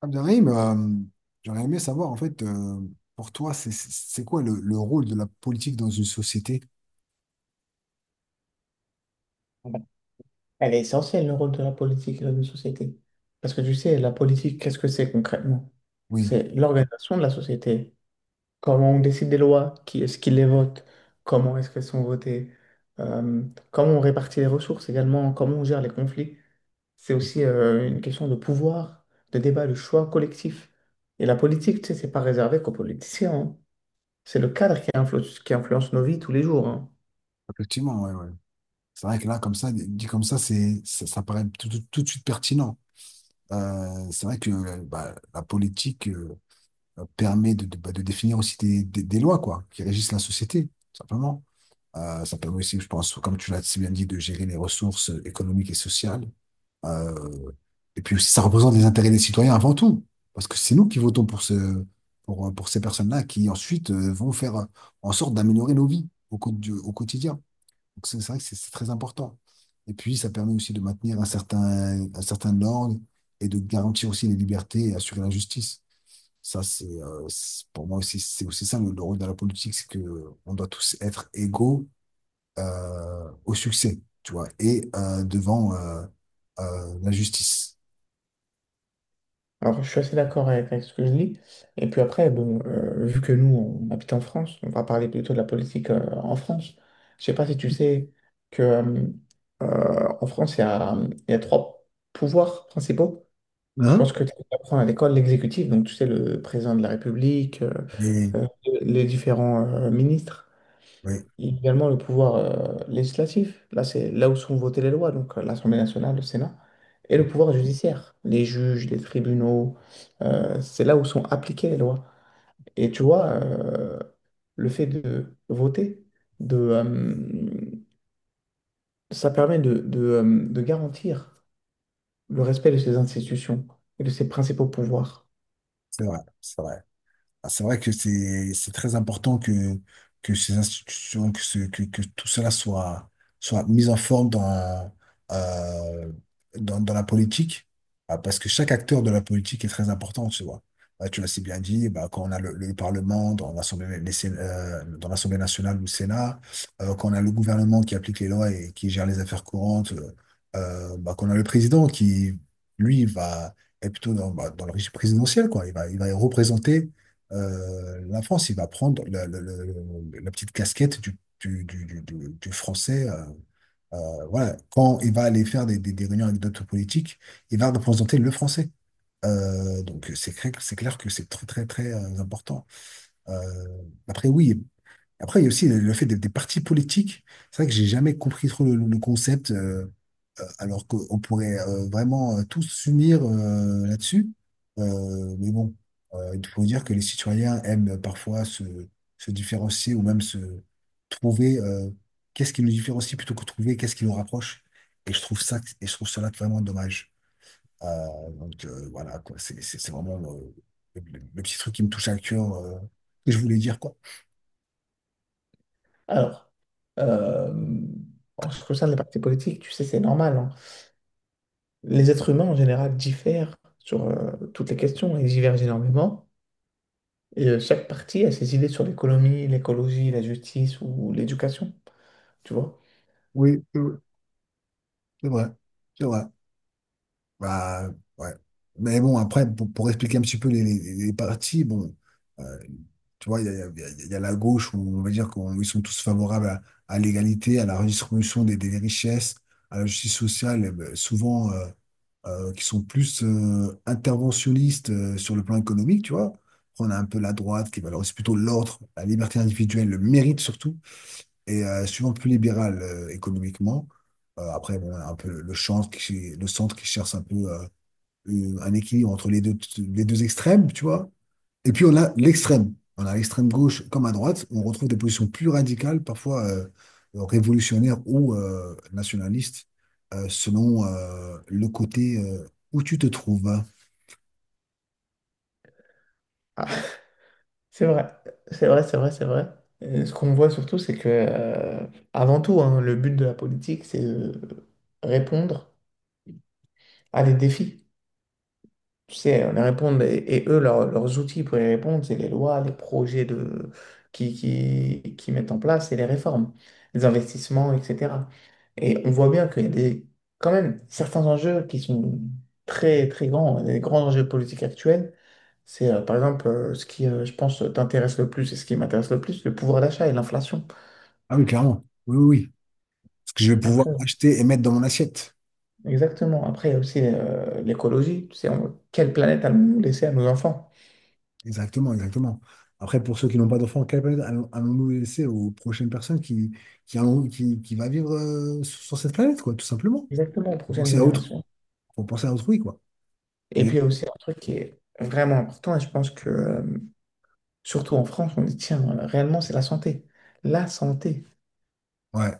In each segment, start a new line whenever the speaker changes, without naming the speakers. Abderrahim, j'aurais aimé savoir, en fait, pour toi, c'est quoi le rôle de la politique dans une société?
Ah ben, elle est essentielle, le rôle de la politique et de la société. Parce que tu sais, la politique, qu'est-ce que c'est concrètement?
Oui,
C'est l'organisation de la société. Comment on décide des lois, qui est-ce qui les vote, comment est-ce qu'elles sont votées, euh, comment on répartit les ressources également, comment on gère les conflits. C'est aussi une question de pouvoir, de débat, de choix collectif. Et la politique, tu sais, c'est pas réservé qu'aux politiciens, hein. C'est le cadre qui influence nos vies tous les jours, hein.
effectivement, ouais, ouais. C'est vrai que là, comme ça, dit comme ça, ça paraît tout de suite pertinent. C'est vrai que bah, la politique permet bah, de définir aussi des lois, quoi, qui régissent la société, tout simplement. Ça permet aussi, je pense, comme tu l'as si bien dit, de gérer les ressources économiques et sociales. Euh, et puis aussi, ça représente les intérêts des citoyens avant tout, parce que c'est nous qui votons pour pour ces personnes-là qui ensuite vont faire en sorte d'améliorer nos vies au quotidien. Donc c'est vrai que c'est très important. Et puis, ça permet aussi de maintenir un certain ordre et de garantir aussi les libertés et assurer la justice. Ça, pour moi aussi, c'est aussi ça le rôle de la politique, c'est que on doit tous être égaux au succès, tu vois, et devant la justice.
Alors, je suis assez d'accord avec ce que je dis. Et puis après, bon, vu que nous, on habite en France, on va parler plutôt de la politique en France. Je sais pas si tu sais que en France, il y a trois pouvoirs principaux. Je pense
Hein?
que tu apprends à l'école l'exécutif, donc tu sais, le président de la République,
Oui,
euh, les différents ministres.
oui,
Et également le pouvoir législatif, là c'est là où sont votées les lois, donc l'Assemblée nationale, le Sénat, et le pouvoir judiciaire, les juges, les tribunaux, c'est là où sont appliquées les lois. Et tu vois, le fait de voter, de, euh, ça permet de garantir le respect de ces institutions et de ses principaux pouvoirs.
c'est vrai, c'est vrai. Ah, c'est vrai que c'est très important que ces institutions que que tout cela soit soit mis en forme dans euh, dans la politique. Ah, parce que chaque acteur de la politique est très important, tu vois. Ah, tu l'as si bien dit, bah, quand on a le Parlement dans dans l'Assemblée nationale ou le Sénat, quand on a le gouvernement qui applique les lois et qui gère les affaires courantes, bah, qu'on a le président qui lui va est plutôt dans, bah, dans le régime présidentiel, quoi. Il va représenter la France, il va prendre la petite casquette du français. Voilà. Quand il va aller faire des réunions avec d'autres politiques, il va représenter le français. Donc c'est clair que c'est très très très important. Euh, Après oui, après, il y a aussi le fait des partis politiques. C'est vrai que j'ai jamais compris trop le concept, alors qu'on pourrait vraiment tous s'unir là-dessus. Mais bon, il faut dire que les citoyens aiment parfois se différencier ou même se trouver qu'est-ce qui nous différencie plutôt que trouver qu'est-ce qui nous rapproche. Et je trouve cela vraiment dommage. Euh, donc voilà, quoi, c'est vraiment le petit truc qui me touche à cœur, que je voulais dire, quoi.
Alors, euh, en ce qui concerne les partis politiques, tu sais, c'est normal, hein. Les êtres humains en général diffèrent sur toutes les questions, ils divergent énormément. Et chaque parti a ses idées sur l'économie, l'écologie, la justice ou l'éducation, tu vois.
Oui, c'est vrai, c'est vrai. Bah, ouais. Mais bon, après, pour expliquer un petit peu les partis, bon, euh, tu vois, il y a, il y a- il y a il y a la gauche où on va dire qu'ils sont tous favorables à l'égalité, à la redistribution des richesses, à la justice sociale, souvent qui sont plus interventionnistes sur le plan économique, tu vois. Après, on a un peu la droite qui valorise plutôt l'ordre, la liberté individuelle, le mérite surtout, et souvent plus libéral économiquement. Après, bon, on a un peu le centre qui cherche un peu un équilibre entre les deux extrêmes, tu vois. Et puis on a l'extrême. On a l'extrême gauche comme à droite. On retrouve des positions plus radicales, parfois révolutionnaires ou nationalistes, selon le côté où tu te trouves.
Ah, c'est vrai, c'est vrai, c'est vrai, c'est vrai. Et ce qu'on voit surtout, c'est que, avant tout, hein, le but de la politique, c'est de répondre à des défis. Tu sais, on y répondre, et eux, leurs outils pour y répondre, c'est les lois, les projets de, qui mettent en place et les réformes, les investissements, etc. Et on voit bien qu'il y a des, quand même certains enjeux qui sont très, très grands. Les grands enjeux politiques actuels, c'est par exemple ce qui, je pense, t'intéresse le plus et ce qui m'intéresse le plus, le pouvoir d'achat et l'inflation.
Ah oui, clairement. Oui, oui, oui. Ce que je vais pouvoir
Après,
acheter et mettre dans mon assiette.
exactement. Après, il y a aussi l'écologie. Tu sais, quelle planète allons-nous laisser à nos enfants?
Exactement, exactement. Après, pour ceux qui n'ont pas d'enfants, allons-nous laisser aux prochaines personnes qui va vivre sur sur cette planète, quoi, tout simplement.
Exactement, aux
Faut
prochaines
penser à autrui,
générations.
faut penser à autrui, quoi.
Et
Mais
puis, il y a aussi un truc qui est vraiment important, et je pense que, surtout en France, on dit, tiens, réellement, c'est la santé. La santé.
ouais.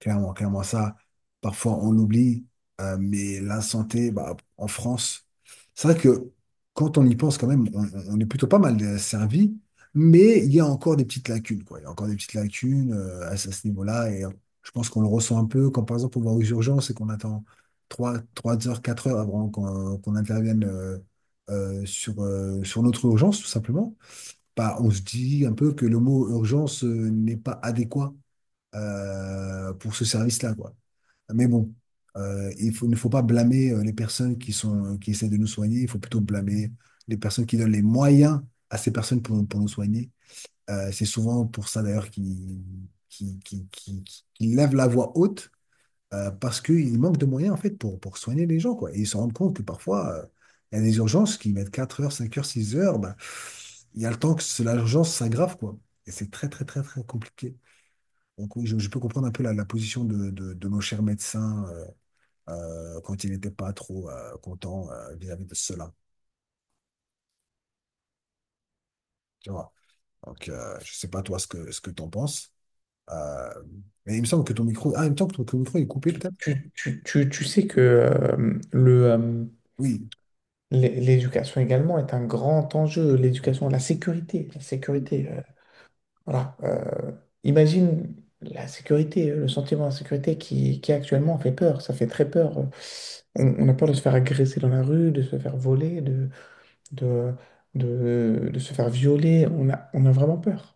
Clairement, clairement, ça, parfois on l'oublie, mais la santé, bah, en France, c'est vrai que quand on y pense quand même, on est plutôt pas mal servi, mais il y a encore des petites lacunes, quoi. Il y a encore des petites lacunes à ce niveau-là, et je pense qu'on le ressent un peu quand, par exemple, on va aux urgences et qu'on attend trois heures, 4 heures avant qu'on intervienne sur notre urgence, tout simplement. Bah, on se dit un peu que le mot urgence n'est pas adéquat pour ce service-là, quoi. Mais bon, il ne faut pas blâmer les personnes qui sont, qui essaient de nous soigner. Il faut plutôt blâmer les personnes qui donnent les moyens à ces personnes pour nous soigner. C'est souvent pour ça d'ailleurs qu'ils qui lèvent la voix haute parce qu'ils manquent de moyens en fait pour soigner les gens, quoi. Et ils se rendent compte que parfois, il y a des urgences qui mettent 4 heures, 5 heures, 6 heures. Bah, il y a le temps que l'urgence s'aggrave, quoi. Et c'est très, très, très, très compliqué. Donc oui, je peux comprendre un peu la position de nos chers médecins, quand ils n'étaient pas trop contents vis-à-vis de cela, tu vois. Donc je sais pas toi ce que t'en penses. Euh, mais il me semble que ton micro, ah, il me semble que ton micro est coupé peut-être.
Tu sais que
Oui.
l'éducation également est un grand enjeu. L'éducation, la sécurité. La sécurité, voilà. Imagine la sécurité, le sentiment d'insécurité qui actuellement fait peur. Ça fait très peur. On a peur de se faire agresser dans la rue, de se faire voler, de, de se faire violer. On a vraiment peur.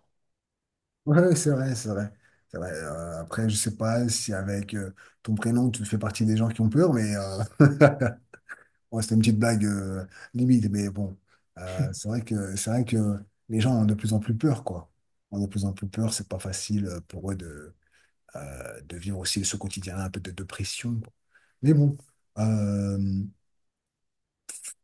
Ouais, ouais, c'est vrai, c'est vrai. C'est vrai. Après, je sais pas si avec ton prénom tu fais partie des gens qui ont peur, mais Bon, c'était une petite blague limite, mais bon, c'est vrai que les gens ont de plus en plus peur, quoi. Ont de plus en plus peur, c'est pas facile pour eux de vivre aussi ce quotidien-là, un peu de dépression, quoi. Mais bon, euh,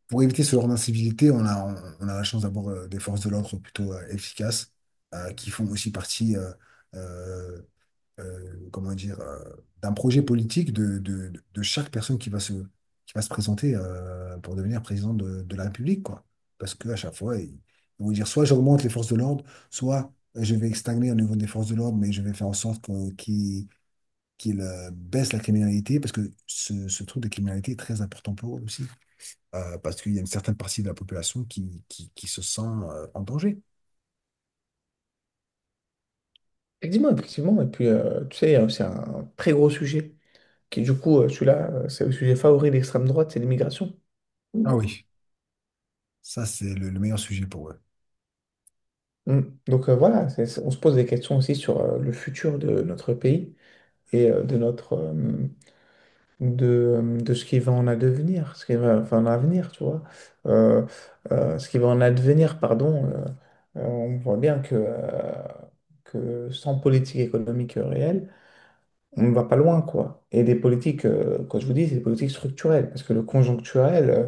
pour éviter ce genre d'incivilité, on a la chance d'avoir des forces de l'ordre plutôt efficaces, qui font aussi partie euh, euh, comment dire, euh, d'un projet politique de chaque personne qui va se présenter pour devenir président de la République, quoi. Parce qu'à chaque fois, ils vont dire soit j'augmente les forces de l'ordre, soit je vais stagner au niveau des forces de l'ordre, mais je vais faire en sorte qu'ils, baissent la criminalité, parce que ce truc de criminalité est très important pour eux aussi. Parce qu'il y a une certaine partie de la population qui se sent en danger.
Effectivement, effectivement. Et puis, tu sais, c'est un très gros sujet qui, du coup, celui-là, c'est le sujet favori de l'extrême droite, c'est l'immigration.
Ah oui. Ça, c'est le meilleur sujet pour eux.
Mm. Donc voilà, on se pose des questions aussi sur le futur de notre pays et de notre de, de ce qui va en advenir, ce qui va enfin, en avenir, tu vois. Euh, Ce qui va en advenir, pardon. On voit bien que sans politique économique réelle, on ne va pas loin, quoi. Et des politiques, quand je vous dis, c'est des politiques structurelles, parce que le conjoncturel, euh,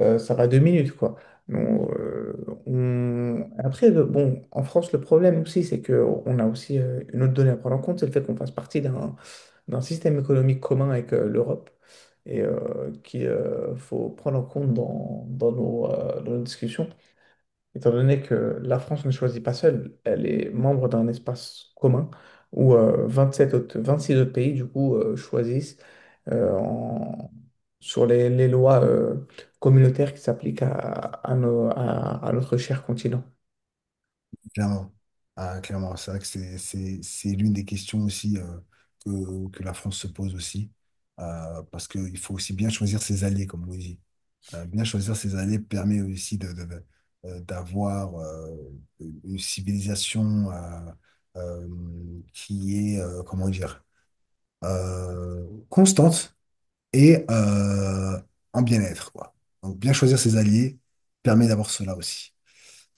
euh, ça va deux minutes, quoi. Donc, après, bon, en France, le problème aussi, c'est qu'on a aussi une autre donnée à prendre en compte, c'est le fait qu'on fasse partie d'un système économique commun avec l'Europe et qu'il faut prendre en compte dans, dans nos discussions étant donné que la France ne choisit pas seule, elle est membre d'un espace commun où 27 autres, 26 autres pays, du coup, choisissent euh, en- sur les, lois communautaires qui s'appliquent à notre cher continent.
Clairement. Ah, clairement, c'est vrai que c'est l'une des questions aussi que la France se pose aussi. Parce qu'il faut aussi bien choisir ses alliés, comme on dit. Bien choisir ses alliés permet aussi d'avoir une civilisation euh, qui est, constante et en bien-être, quoi. Donc, bien choisir ses alliés permet d'avoir cela aussi.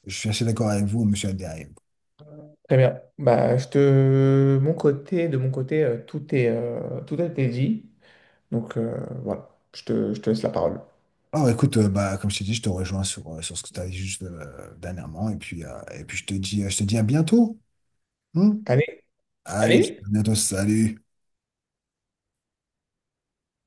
Je suis assez d'accord avec vous, monsieur Abderrahim.
Très bien. Bah, je te... mon côté, de mon côté, tout est, tout a été dit. Donc voilà, je te laisse la parole.
Ah, écoute, bah, comme je t'ai dit, je te rejoins sur, sur ce que tu as dit juste dernièrement. Et puis, je te dis, à bientôt, hein.
Allez,
Allez,
allez.
à bientôt, salut.